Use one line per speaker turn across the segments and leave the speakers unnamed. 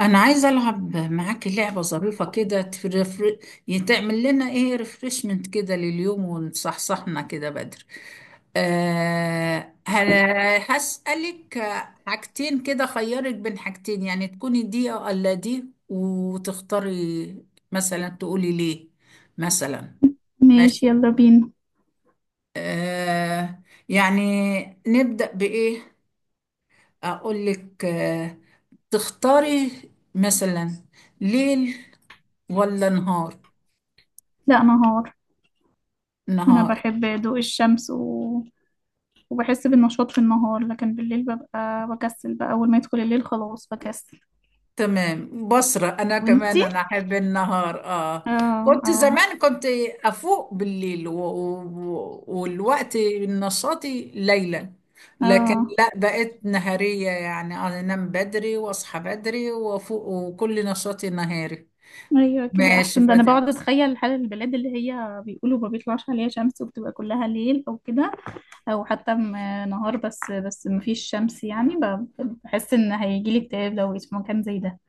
انا عايزه العب معاكي لعبه ظريفه كده تفرفر. تعمل لنا ايه ريفرشمنت كده لليوم ونصحصحنا كده بدري. هسألك حاجتين كده، خيرك بين حاجتين، يعني تكوني دي أو الا دي وتختاري. مثلا تقولي ليه، مثلا. ماشي.
ماشي، يلا بينا.
أه يعني نبدأ بإيه؟ اقول لك تختاري مثلا ليل ولا نهار؟
لا، نهار. انا
نهار.
بحب ضوء الشمس و... وبحس بالنشاط في النهار، لكن بالليل ببقى بكسل، بقى اول ما يدخل الليل خلاص بكسل.
تمام بصرة، أنا كمان
وانتي؟
أنا أحب النهار.
اه.
كنت
اه.
زمان كنت أفوق بالليل والوقت نشاطي ليلا. لكن
اه.
لا بقيت نهارية، يعني أنا أنام بدري وأصحى بدري وأفوق وكل نشاطي نهاري.
ايوه كده
ماشي
احسن، ده انا
فادية
بقعد
بس.
اتخيل حال البلاد اللي هي بيقولوا ما بيطلعش عليها شمس وبتبقى كلها ليل او كده. او حتى نهار بس، بس ما فيش شمس، يعني بحس ان هيجيلي اكتئاب لو بقيت في مكان زي ده.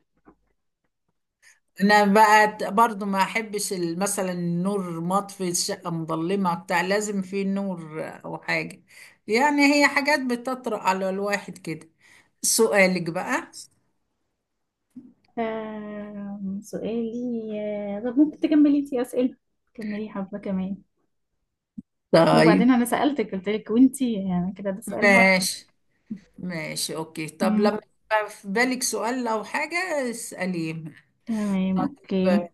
انا بقى برضو ما احبش مثلا النور مطفي الشقه مظلمه بتاع، لازم في نور او حاجه. يعني هي حاجات بتطرق على الواحد كده. سؤالك بقى.
آه، سؤالي. آه، طب ممكن تكملي انتي أسئلة، تكملي حبة كمان.
طيب،
وبعدين أنا سألتك قلت لك وانتي، يعني كده ده سؤال برضه.
ماشي. ماشي اوكي، طب لما
مم.
يبقى في بالك سؤال او حاجه اساليه.
تمام، أوكي.
طيب.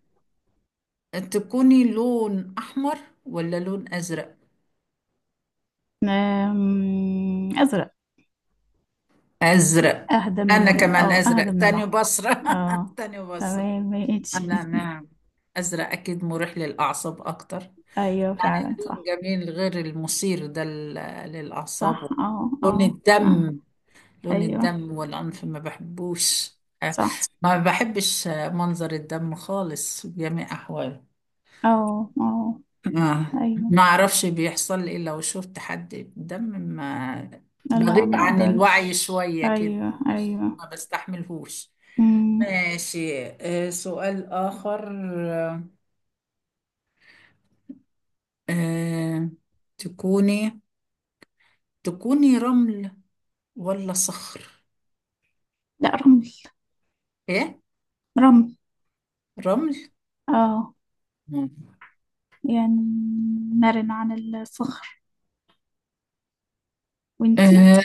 تكوني لون احمر ولا لون ازرق؟
أزرق.
ازرق. انا كمان ازرق
أهدى من
تاني
الأحمر.
بصره.
اه.
تاني بصره.
تمام،
أنا
ماشي.
نعم، أزرق أكيد مريح للأعصاب أكتر.
أيوه فعلا، صح.
لون جميل، غير المثير ده
صح،
للأعصاب. لون
صح.
الدم. لون
أيوه.
الدم والعنف ما بحبوش.
صح.
ما بحبش منظر الدم خالص بجميع أحواله.
اه. اه. أيوه.
ما أعرفش بيحصل لي إيه لو شفت حد دم ما.
لا،
بغيب
ما
عن الوعي
أقدرش.
شوية كده.
أيوه، أيوه.
ما بستحملهوش.
مم.
ماشي، سؤال آخر. آه تكوني تكوني رمل ولا صخر؟
لا، رمل.
ايه،
رمل.
رمل.
اه.
مم.
يعني مرن عن الصخر. وانتي؟
آه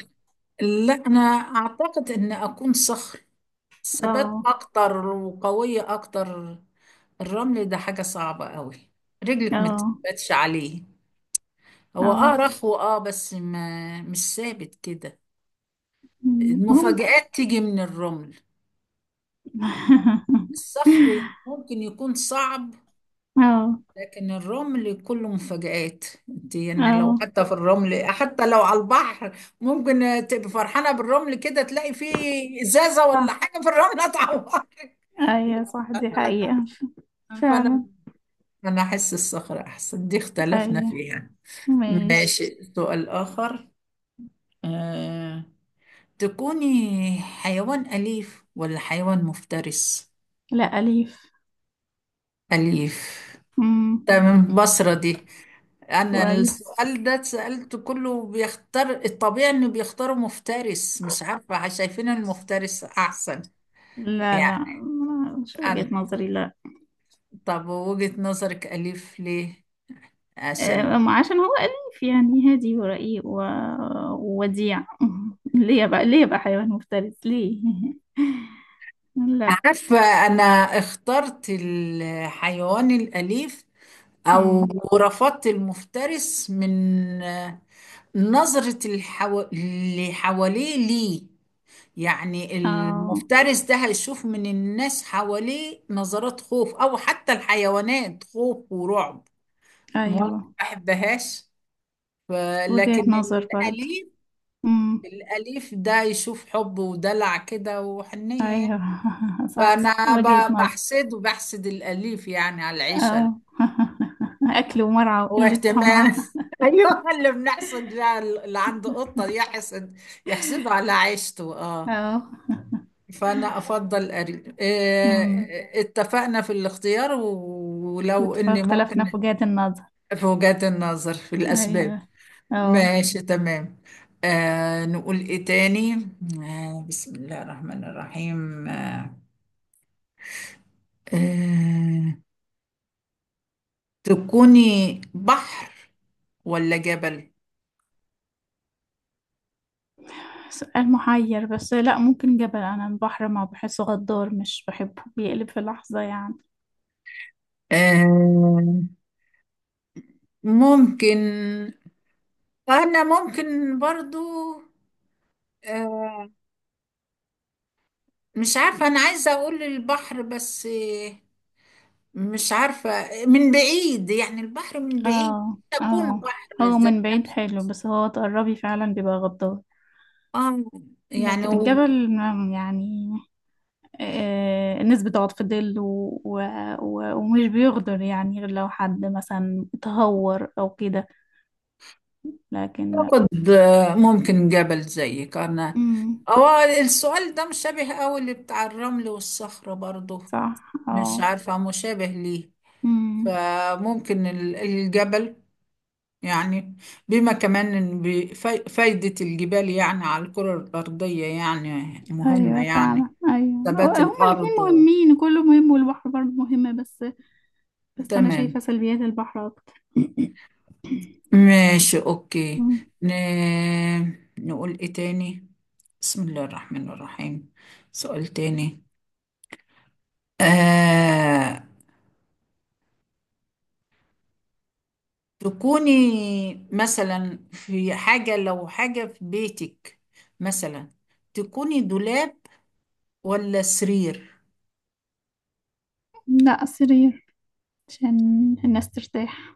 لا، انا اعتقد ان اكون صخر، ثبات
اه.
اكتر وقوية اكتر. الرمل ده حاجة صعبة قوي، رجلك ما
اه.
تثبتش عليه. هو
اه.
رخو بس ما مش ثابت كده.
ممكن.
المفاجآت تيجي من الرمل. الصخر ممكن يكون صعب،
اه،
لكن الرمل كله مفاجآت. انت يعني لو
اه،
حتى في الرمل، حتى لو على البحر، ممكن تبقى فرحانة بالرمل كده تلاقي فيه إزازة ولا
صح.
حاجة في الرمل هتعورك.
ايوه
لا،
صح، دي حقيقة.
فأنا،
فعلا،
أنا أحس الصخرة أحسن، دي اختلفنا
ايوه.
فيها.
ماشي.
ماشي، سؤال آخر. أه... تكوني حيوان أليف ولا حيوان مفترس؟
لا، أليف.
أليف.
امم.
تمام بصرة دي. انا
كويس.
السؤال ده سألته كله بيختار الطبيعي انه بيختاروا مفترس، مش عارفة شايفين المفترس احسن.
لا،
يعني
لا، مش وجهة
انا،
نظري، لا.
طب وجهة نظرك اليف ليه؟
آه،
عشان،
ما عشان هو أليف، يعني هادي ورقيق و... ووديع. ليه بقى، ليه بقى حيوان مفترس ليه؟ لا.
عارفة انا اخترت الحيوان الاليف او
امم.
رفضت المفترس من آه، نظرة اللي حواليه ليه. يعني
اه.
المفترس ده هيشوف من الناس حواليه نظرات خوف، او حتى الحيوانات خوف ورعب. ما أنا ما
أيوة.
بحبهاش. ف- لكن
وجهة نظر برضه.
الاليف،
امم.
الاليف ده يشوف حب ودلع كده وحنيه يعني.
أيوة. صح،
فانا
وجهة نظر.
بحسد وبحسد الاليف يعني على العيشه
اه. أكل ومرعى وقلة صنعة.
واهتمام. ايوه، اللي بنحسد بقى اللي عنده قطه يحسد، يحسده على عيشته اه
اه.
فأنا أفضل أري،
امم.
اتفقنا في الاختيار ولو إني
اختلفنا في
ممكن
وجهات النظر.
في وجهات النظر، في الأسباب.
أيوة. اه.
ماشي تمام. نقول إيه تاني؟ بسم الله الرحمن الرحيم. آه تكوني بحر ولا جبل؟
سؤال محير، بس لا، ممكن جبل. أنا البحر ما بحسه غدار، مش بحبه بيقلب في لحظة يعني.
آه ممكن، أنا ممكن برضو. آه مش عارفة، أنا عايزة أقول البحر بس. مش عارفة، من بعيد يعني البحر من بعيد.
اه،
تكون
اه.
بحر
هو
زي
من بعيد حلو، بس هو تقربي فعلا بيبقى غدار.
آه يعني
لكن
وبتاخد،
الجبل يعني نسبة ضغط في الظل و... و... و... ومش بيغدر، يعني غير لو حد مثلا تهور أو كده. لكن لا.
ممكن جبل زيك أنا.
امم.
هو السؤال ده مشابه أوي اللي بتاع الرمل والصخرة برضه.
صح،
مش
اه.
عارفة مشابه ليه.
امم.
فممكن الجبل، يعني بما كمان إن فايدة الجبال يعني على الكرة الأرضية يعني مهمة
ايوه
يعني.
فعلا ايوه.
ثبات
هما الاتنين
الأرض.
مهمين، كله مهم، والبحر برضه مهمة بس. بس انا
تمام،
شايفة سلبيات البحر اكتر.
ماشي اوكي.
أمم.
ن... نقول ايه تاني؟ بسم الله الرحمن الرحيم، سؤال تاني. آه... تكوني مثلا في حاجة، لو حاجة في بيتك، مثلا، تكوني دولاب ولا سرير؟
لا، السرير، عشان الناس ترتاح.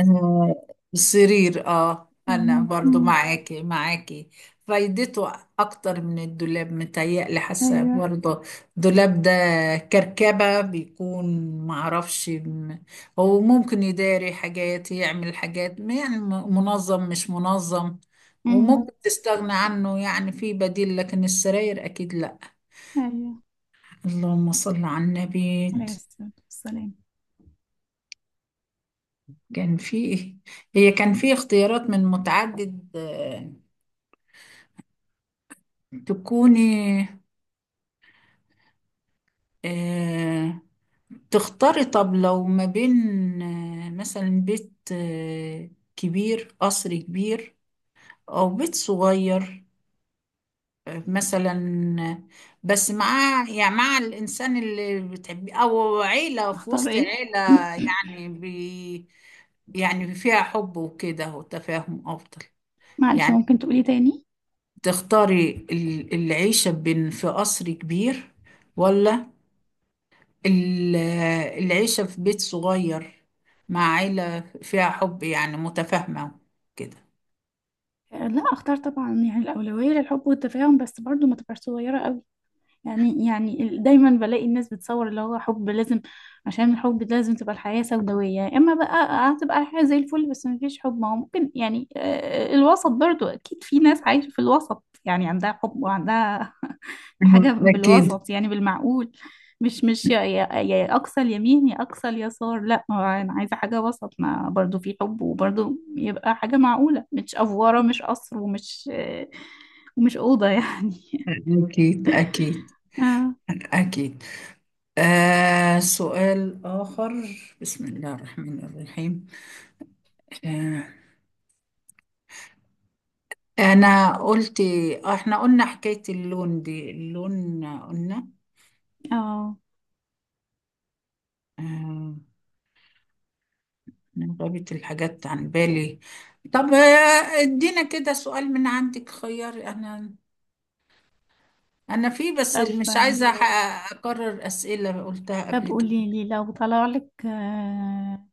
آه، السرير، اه انا
أمم.
برضو
أمم.
معاكي معاكي، فايدته اكتر من الدولاب، متهيألي حاسه
ايوه.
برضو. الدولاب ده كركبه بيكون، معرفش. هو ممكن يداري حاجات يعمل حاجات يعني منظم مش منظم، وممكن
أمم.
تستغنى عنه يعني، في بديل، لكن السراير اكيد لا.
ايوه.
اللهم صل على النبي.
عليه الصلاة والسلام.
كان في، هي كان في اختيارات من متعدد. تكوني آه، تختاري طب لو ما بين، مثلا بيت، كبير، قصر كبير أو بيت صغير، مثلا، آه، بس مع، يعني مع الإنسان اللي بتحبيه، أو عيلة في
اختار
وسط
ايه؟
عيلة. يعني يعني فيها حب وكده وتفاهم أفضل.
معلش،
يعني
ممكن تقولي تاني؟
تختاري العيشة بين في قصر كبير، ولا ال- العيشة في بيت صغير مع عيلة فيها حب يعني متفاهمة كده.
آه، لا، اختار طبعا، يعني الأولوية للحب والتفاهم، بس برضو ما تبقاش صغيرة. دايما بلاقي الناس بتصور اللي هو حب لازم، عشان الحب ده لازم تبقى الحياة سوداوية، اما بقى هتبقى الحياة زي الفل بس مفيش حب. ما هو ممكن يعني الوسط برضو، اكيد في ناس عايشة في الوسط، يعني عندها حب وعندها
مهم.
حاجة
أكيد،
بالوسط، يعني بالمعقول. مش يا اقصى اليمين، يا اقصى اليسار، لا، هو انا عايزة حاجة وسط، ما برضو في حب وبرضو يبقى حاجة معقولة، مش افورة مش قصر ومش ومش أوضة يعني.
أكيد، أكيد،
اه.
أكيد. سؤال آخر. بسم الله الرحمن الرحيم. آه أنا قلت، إحنا قلنا حكاية اللون دي، اللون قلنا.
اه.
آه أنا غابت الحاجات عن بالي. طب، ادينا كده سؤال من عندك خيار أنا. انا في بس اللي
طب
مش عايزه اكرر اسئله قلتها
طب
قبل كده.
قولي لي لو طلع لك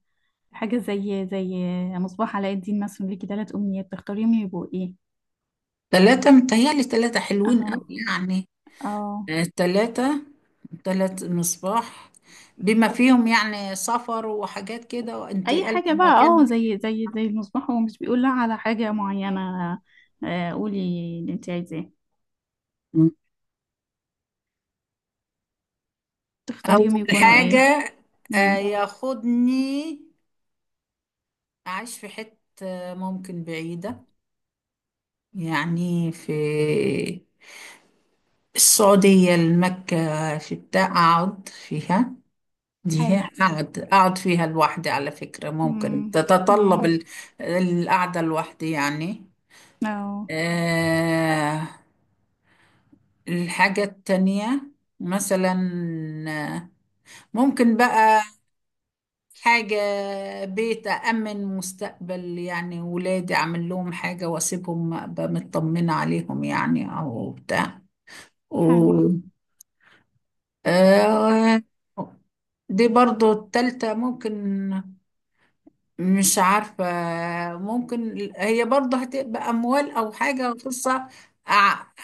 حاجة زي مصباح علاء الدين، مثلا ليكي تلات أمنيات، تختاريهم يبقوا ايه؟
ثلاثه متهيألي ثلاثه حلوين
اه.
قوي، يعني
اه.
ثلاثه، ثلاث مصباح بما فيهم، يعني سفر وحاجات كده
أي
وانتقال
حاجة
من
بقى،
مكان
اه
لمكان.
زي زي زي المصباح، هو مش بيقول لا على حاجة معينة. آه، قولي اللي انت عايزاه،
م.
تختاريهم
اول
يكونوا ايه؟
حاجه،
امم.
ياخدني اعيش في حته ممكن بعيده، يعني في السعوديه المكه في بتاع، اقعد فيها. دي
حلو.
أقعد فيها لوحدي على فكرة، ممكن
امم.
تتطلب
امم.
القعدة لوحدي يعني.
اه.
آه الحاجة التانية مثلا، آه، ممكن بقى حاجة، بيت أأمن مستقبل يعني ولادي، أعمل لهم حاجة وأسيبهم أبقى مطمنة عليهم، يعني أو بتاع. و
حلو.
آه دي برضو التالتة ممكن، مش عارفة، ممكن هي برضه هتبقى أموال أو حاجة فرصة أع-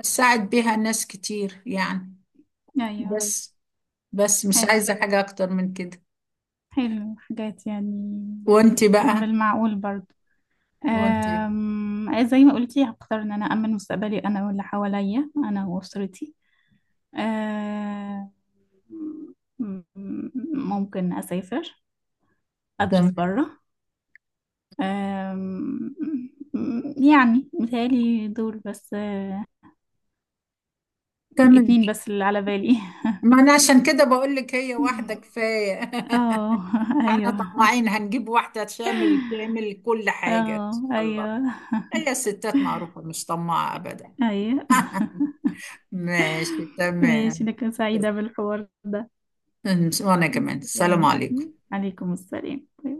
أساعد بيها ناس كتير يعني.
أيوه.
بس بس مش
حلو،
عايزة حاجة أكتر من كده.
حلو حاجات يعني
وأنت بقى،
بالمعقول برضه.
وأنت.
زي ما قلتي هختار ان انا امن مستقبلي، انا واللي حواليا انا واسرتي. أم، ممكن اسافر،
تمام.
ادرس بره. أم، يعني متهيألي دول بس،
تمام.
اتنين بس اللي على بالي.
ما أنا عشان كده بقول لك، هي واحدة كفاية.
اه،
احنا
ايوه.
طماعين، هنجيب واحدة شامل تعمل كل حاجة إن
اه،
شاء الله.
ايوه،
هي الستات معروفة مش طماعة أبدا.
ايوه.
ماشي
ماشي،
تمام.
انا كنت سعيدة بالحوار ده.
وأنا كمان، السلام
تمام.
عليكم.
عليكم السلام. باي باي.